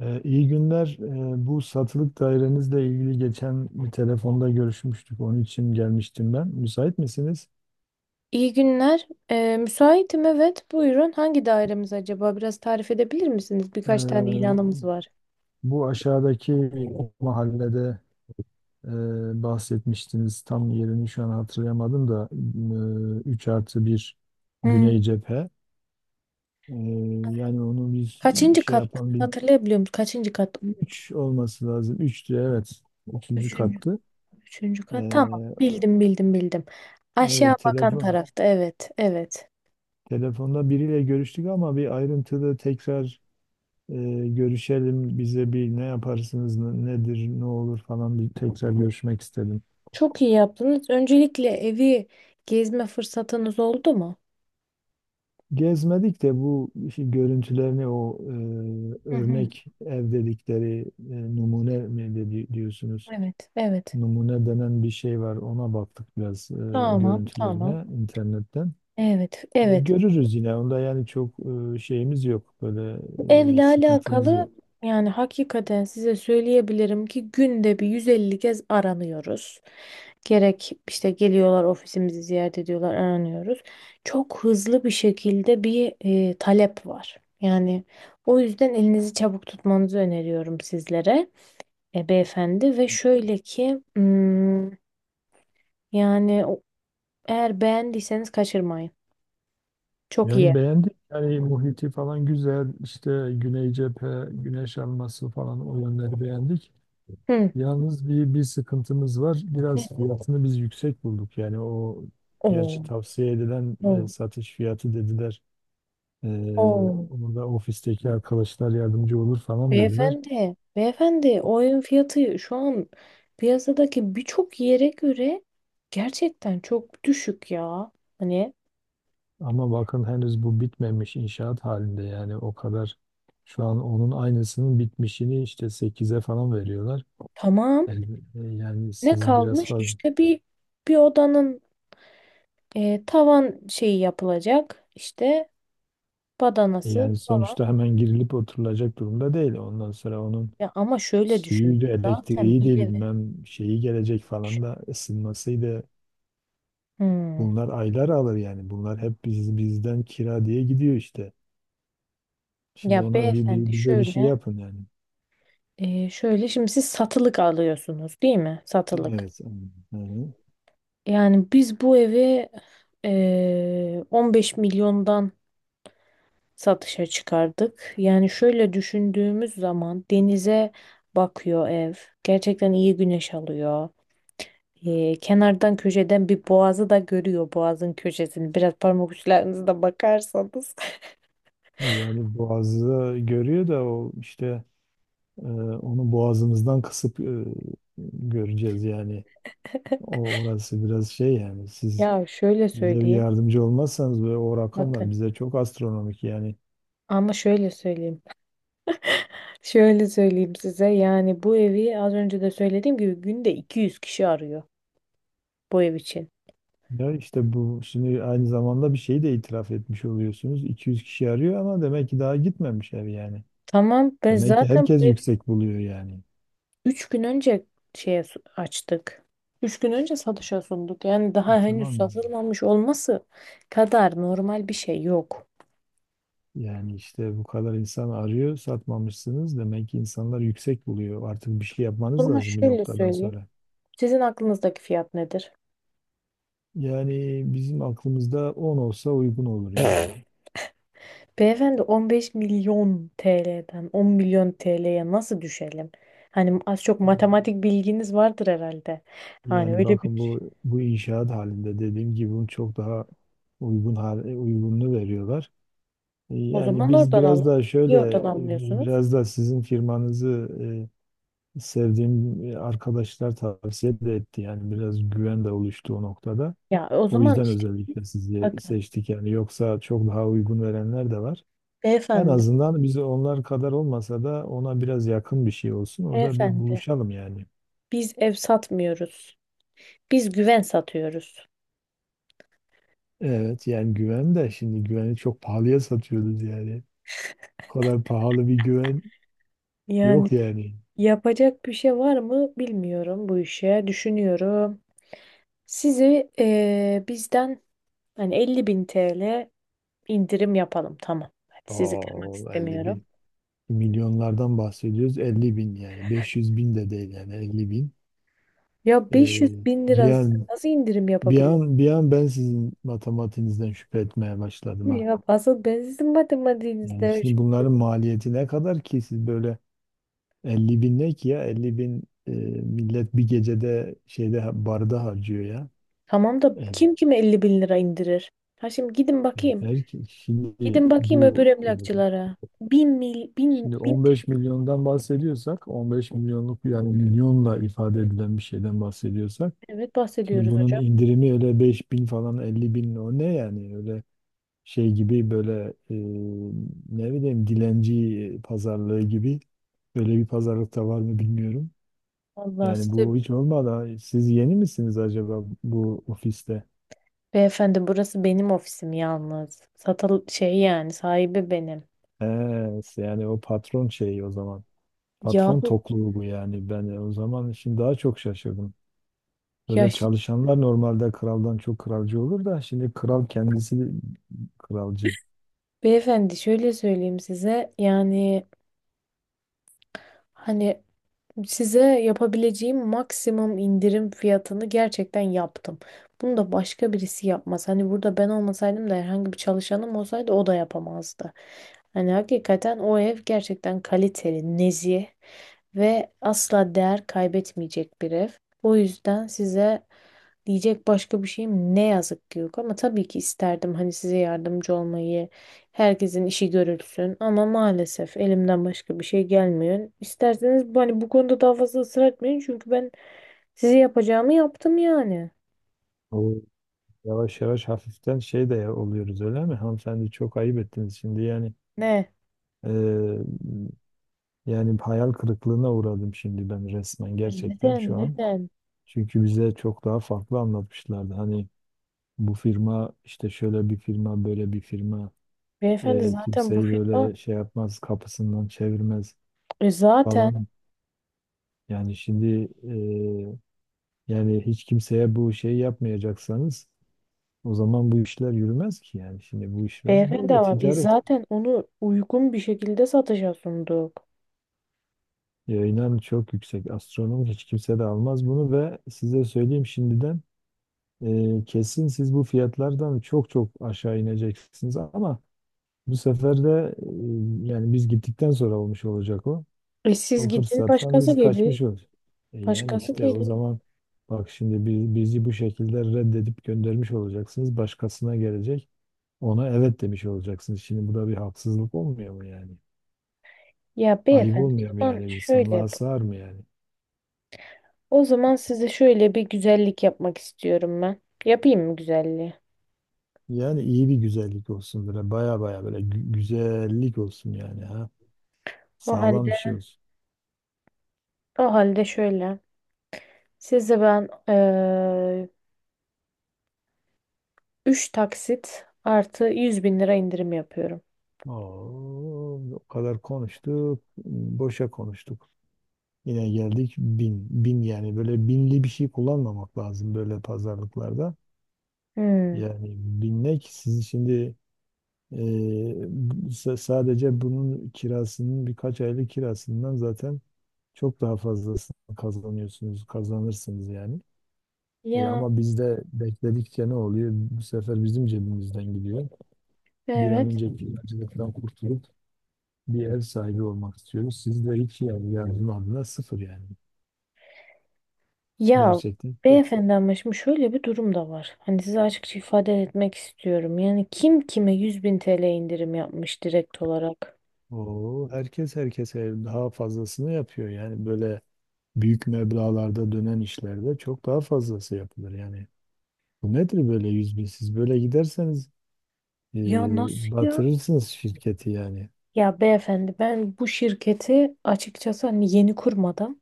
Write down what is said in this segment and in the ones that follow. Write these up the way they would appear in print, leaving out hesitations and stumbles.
İyi günler. Bu satılık dairenizle ilgili geçen bir telefonda görüşmüştük. Onun için gelmiştim ben. Müsait misiniz? İyi günler. Müsaitim evet. Buyurun. Hangi dairemiz acaba? Biraz tarif edebilir misiniz? Birkaç tane Ee, ilanımız var. Bu aşağıdaki mahallede e, bahsetmiştiniz. Tam yerini şu an hatırlayamadım da 3 artı 1 Hmm. Güney Cephe. Ee, Yani onu biz Kaçıncı şey kat? yapan bir Hatırlayabiliyor musun? Kaçıncı kat? 3 olması lazım. 3'tü evet. Üçüncü Üçüncü. kattı. Üçüncü kat. Tamam. Ee, Bildim bildim bildim. Aşağı evet bakan telefon. tarafta. Evet. Evet. Telefonda biriyle görüştük ama bir ayrıntılı tekrar e, görüşelim. Bize bir ne yaparsınız, nedir, ne olur falan bir tekrar görüşmek istedim. Çok iyi yaptınız. Öncelikle evi gezme fırsatınız oldu mu? Gezmedik de bu işte görüntülerini o Hı hı. örnek ev dedikleri numune mi diyorsunuz? Evet, evet. Numune denen bir şey var. Ona baktık biraz Tamam, tamam. görüntülerine internetten. Evet, E, evet. görürüz yine. Onda yani çok şeyimiz yok. Böyle Bu evle sıkıntımız yok. alakalı yani hakikaten size söyleyebilirim ki günde bir 150 kez aranıyoruz. Gerek işte geliyorlar ofisimizi ziyaret ediyorlar, aranıyoruz. Çok hızlı bir şekilde bir talep var. Yani o yüzden elinizi çabuk tutmanızı öneriyorum sizlere beyefendi ve şöyle ki yani eğer beğendiyseniz kaçırmayın. Çok iyi. Yani beğendik. Yani muhiti falan güzel. İşte Güney cephe, güneş alması falan o yönleri beğendik. Hı. Yalnız bir sıkıntımız var. Biraz fiyatını biz yüksek bulduk. Yani o Oo, gerçi tavsiye edilen oo, satış fiyatı dediler. E, oo. Onu da ofisteki arkadaşlar yardımcı olur falan dediler. Beyefendi, beyefendi o evin fiyatı şu an piyasadaki birçok yere göre gerçekten çok düşük ya. Hani Ama bakın henüz bu bitmemiş inşaat halinde yani o kadar şu an onun aynısının bitmişini işte 8'e falan veriyorlar. tamam, Yani ne siz biraz kalmış fazla işte bir odanın tavan şeyi yapılacak, işte badanası. yani sonuçta hemen girilip oturulacak durumda değil. Ondan sonra onun Ya ama şöyle düşün, suyuydu, zaten elektriği bir de eve. bilmem şeyi gelecek falan da ısınmasıydı. Hmm. Bunlar aylar alır yani. Bunlar hep bizden kira diye gidiyor işte. Şimdi Ya ona beyefendi bize bir şey şöyle yapın yani. e, şöyle şimdi siz satılık alıyorsunuz değil mi? Satılık. Evet. Hı hı. Yani biz bu evi 15 milyondan satışa çıkardık. Yani şöyle düşündüğümüz zaman denize bakıyor ev. Gerçekten iyi güneş alıyor. Kenardan köşeden bir boğazı da görüyor, boğazın köşesini. Biraz parmak uçlarınızda bakarsanız. Yani boğazı görüyor da o işte onu boğazımızdan kısıp göreceğiz yani. O orası biraz şey yani siz Ya şöyle bize bir söyleyeyim. yardımcı olmazsanız ve o rakamlar Bakın. bize çok astronomik yani. Ama şöyle söyleyeyim. Şöyle söyleyeyim size. Yani bu evi az önce de söylediğim gibi günde 200 kişi arıyor bu ev için. Ya işte bu şimdi aynı zamanda bir şeyi de itiraf etmiş oluyorsunuz. 200 kişi arıyor ama demek ki daha gitmemiş ev yani. Tamam, ben Demek ki zaten. herkes yüksek buluyor yani. 3 gün önce açtık. 3 gün önce satışa sunduk. Yani E daha henüz tamam, yani. satılmamış olması kadar normal bir şey yok. Yani işte bu kadar insan arıyor, satmamışsınız. Demek ki insanlar yüksek buluyor. Artık bir şey yapmanız Ama lazım bir şöyle noktadan söyleyeyim. sonra. Sizin aklınızdaki fiyat nedir? Yani bizim aklımızda 10 olsa uygun olur ya. Beyefendi, 15 milyon TL'den 10 milyon TL'ye nasıl düşelim? Hani az çok matematik bilginiz vardır herhalde. Hani Yani öyle bir... bakın bu inşaat halinde dediğim gibi bunun çok daha uygununu veriyorlar. E, O yani zaman biz oradan biraz alın. daha Niye şöyle oradan almıyorsunuz? biraz da sizin firmanızı sevdiğim arkadaşlar tavsiye de etti. Yani biraz güven de oluştu o noktada. Ya o O zaman yüzden işte özellikle sizi bakın seçtik yani. Yoksa çok daha uygun verenler de var. En beyefendi, azından biz onlar kadar olmasa da ona biraz yakın bir şey olsun. Orada bir beyefendi buluşalım yani. biz ev satmıyoruz. Biz güven satıyoruz. Evet yani güven de şimdi güveni çok pahalıya satıyoruz yani. O kadar pahalı bir güven Yani yok yani. yapacak bir şey var mı bilmiyorum bu işe. Düşünüyorum. Sizi bizden, hani 50 bin TL indirim yapalım. Tamam. Hadi, sizi kırmak Oo, 50 bin. istemiyorum. Milyonlardan bahsediyoruz. 50 bin yani. 500 bin de değil yani. 50 bin. Ya 500 Ee, bin lira bir an, nasıl indirim yapabilirim? Bir an ben sizin matematiğinizden şüphe etmeye başladım ha. Ya asıl ben sizin Yani matematiğinizde. şimdi bunların maliyeti ne kadar ki siz böyle 50 bin ne ki ya 50 bin millet bir gecede şeyde barda harcıyor ya. Tamam da Evet. kim kime 50 bin lira indirir? Ha, şimdi gidin Evet, bakayım. Şimdi Gidin bakayım öbür bu emlakçılara. Bin mil, bin, şimdi bin 15 milyondan bahsediyorsak 15 milyonluk yani milyonla ifade edilen bir şeyden bahsediyorsak TL'den şimdi bahsediyoruz bunun hocam. indirimi öyle 5 bin falan 50 bin o ne yani öyle şey gibi böyle ne bileyim dilenci pazarlığı gibi böyle bir pazarlık da var mı bilmiyorum. Allah Yani size. bu hiç olmadı. Siz yeni misiniz acaba bu ofiste? Beyefendi, burası benim ofisim yalnız. Satal şey, yani sahibi benim. He, yani o patron şeyi o zaman. Ya, Patron tokluğu bu yani. Ben o zaman şimdi daha çok şaşırdım. ya Böyle ş- çalışanlar normalde kraldan çok kralcı olur da şimdi kral kendisi kralcı. beyefendi, şöyle söyleyeyim size yani, hani size yapabileceğim maksimum indirim fiyatını gerçekten yaptım. Bunu da başka birisi yapmaz. Hani burada ben olmasaydım da herhangi bir çalışanım olsaydı o da yapamazdı. Hani hakikaten o ev gerçekten kaliteli, nezih ve asla değer kaybetmeyecek bir ev. O yüzden size. Diyecek başka bir şeyim ne yazık ki yok, ama tabii ki isterdim hani size yardımcı olmayı, herkesin işi görülsün, ama maalesef elimden başka bir şey gelmiyor. İsterseniz hani bu konuda daha fazla ısrar etmeyin, çünkü ben size yapacağımı yaptım yani. O yavaş yavaş hafiften şey de oluyoruz öyle mi? Hanımefendi çok ayıp ettiniz şimdi yani. Ne? eee, yani hayal kırıklığına uğradım şimdi ben resmen Yani gerçekten neden? şu an. Neden? Çünkü bize çok daha farklı anlatmışlardı. Hani bu firma işte şöyle bir firma böyle bir firma Beyefendi, zaten bu kimseyi firma böyle şey yapmaz kapısından çevirmez zaten falan. Yani şimdi e, yani hiç kimseye bu şeyi yapmayacaksanız o zaman bu işler yürümez ki yani. Şimdi bu işler beyefendi, böyle ama biz ticaret. zaten onu uygun bir şekilde satışa sunduk. E, inan çok yüksek. Astronom hiç kimse de almaz bunu ve size söyleyeyim şimdiden kesin siz bu fiyatlardan çok çok aşağı ineceksiniz ama bu sefer de yani biz gittikten sonra olmuş olacak o. E siz O gidin, fırsattan başkası biz gelir. kaçmış oluruz. E yani Başkası işte o gelir. zaman bak şimdi bizi bu şekilde reddedip göndermiş olacaksınız. Başkasına gelecek. Ona evet demiş olacaksınız. Şimdi bu da bir haksızlık olmuyor mu yani? Ya Ayıp beyefendi, olmuyor o mu zaman yani? şöyle İnsanlığa yapalım. sığar mı yani? O zaman size şöyle bir güzellik yapmak istiyorum ben. Yapayım mı güzelliği? Yani iyi bir güzellik olsun böyle. Baya baya böyle güzellik olsun yani ha. O Sağlam bir halde, şey olsun. o halde şöyle. Size ben 3 taksit artı 100 bin lira indirim yapıyorum. Oo, o kadar konuştuk. Boşa konuştuk. Yine geldik bin. Bin yani böyle binli bir şey kullanmamak lazım böyle pazarlıklarda. Hmm. Yani binmek siz şimdi e, sadece bunun kirasının birkaç aylık kirasından zaten çok daha fazlasını kazanıyorsunuz, kazanırsınız yani. E, Ya ama bizde bekledikçe ne oluyor? Bu sefer bizim cebimizden gidiyor. Bir an evet. önce kiracılıktan kurtulup bir ev sahibi olmak istiyoruz. Siz de hiç yani yardım adına sıfır yani. Ya Gerçekten. beyefendi, ama şimdi şöyle bir durum da var. Hani size açıkça ifade etmek istiyorum. Yani kim kime 100 bin TL indirim yapmış direkt olarak? Oo, herkes herkese daha fazlasını yapıyor. Yani böyle büyük meblağlarda dönen işlerde çok daha fazlası yapılır. Yani bu nedir böyle 100 bin? Siz böyle giderseniz e, Ya nasıl ya? batırırsınız şirketi yani. Ya beyefendi, ben bu şirketi açıkçası hani yeni kurmadım.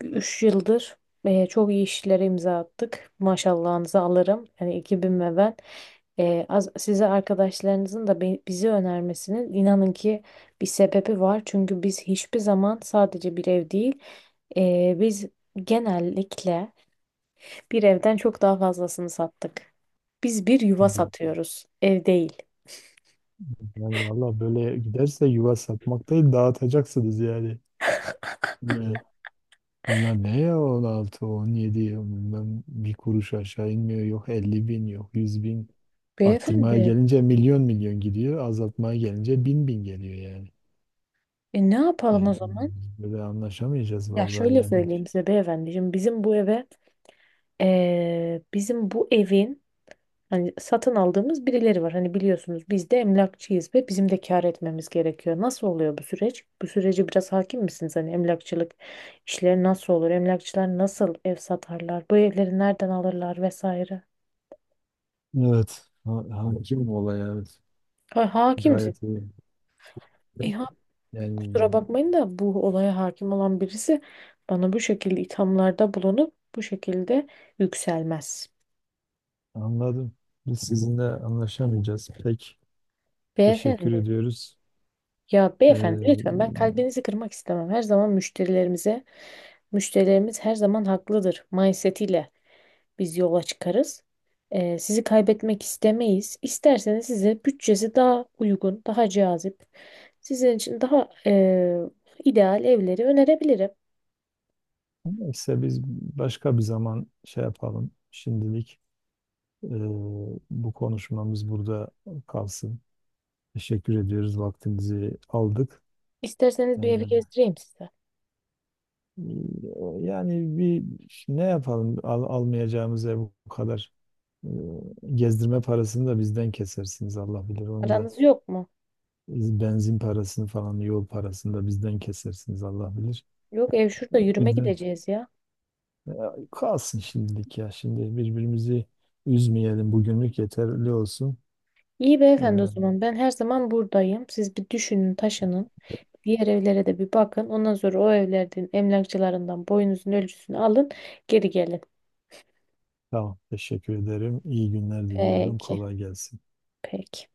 3 yıldır çok iyi işlere imza attık. Maşallahınızı alırım. Yani ekibim ve ben. Size arkadaşlarınızın da bizi önermesinin inanın ki bir sebebi var. Çünkü biz hiçbir zaman sadece bir ev değil, biz genellikle bir evden çok daha fazlasını sattık. Biz bir yuva satıyoruz, ev değil. Yani valla böyle giderse yuva satmak değil dağıtacaksınız yani. Ee, Bunlar ne ya 16, 17 bundan bir kuruş aşağı inmiyor. Yok 50 bin yok 100 bin. Arttırmaya Beyefendi, gelince milyon milyon gidiyor. Azaltmaya gelince bin bin geliyor yani. Ne yapalım Yani o zaman? böyle anlaşamayacağız Ya vallahi şöyle yani hiç. söyleyeyim size beyefendi. Şimdi bizim bu evin, hani satın aldığımız birileri var. Hani biliyorsunuz biz de emlakçıyız ve bizim de kâr etmemiz gerekiyor. Nasıl oluyor bu süreç? Bu sürece biraz hakim misiniz? Hani emlakçılık işleri nasıl olur? Emlakçılar nasıl ev satarlar? Bu evleri nereden alırlar vesaire? Evet. Hakim olay evet. Ha, hakimsin. Gayet iyi. Ha, kusura Yani bakmayın da bu olaya hakim olan birisi bana bu şekilde ithamlarda bulunup bu şekilde yükselmez. anladım. Biz sizinle anlaşamayacağız. Pek teşekkür Beyefendi. ediyoruz. Ya beyefendi, lütfen Ee, ben kalbinizi kırmak istemem. Her zaman müşterilerimize. Müşterilerimiz her zaman haklıdır mindsetiyle biz yola çıkarız. Sizi kaybetmek istemeyiz. İsterseniz size bütçesi daha uygun, daha cazip, sizin için daha ideal evleri önerebilirim. Neyse biz başka bir zaman şey yapalım. Şimdilik Ee, bu konuşmamız burada kalsın. Teşekkür ediyoruz. Vaktinizi aldık. İsterseniz Ee, bir evi gezdireyim size. Yani bir ne yapalım? Almayacağımız ev bu kadar e, gezdirme parasını da bizden kesersiniz Allah bilir. Onu da Paranız yok mu? benzin parasını falan yol parasını da bizden kesersiniz Allah bilir. Yok, ev şurada, yürüme Bizden gideceğiz ya. e, kalsın şimdilik ya. Şimdi birbirimizi üzmeyelim. Bugünlük yeterli olsun. İyi Ee, beyefendi, o zaman ben her zaman buradayım. Siz bir düşünün, taşının. Diğer evlere de bir bakın. Ondan sonra o evlerin emlakçılarından boyunuzun ölçüsünü alın, geri gelin. Tamam. Teşekkür ederim. İyi günler diliyorum. Peki, Kolay gelsin. peki.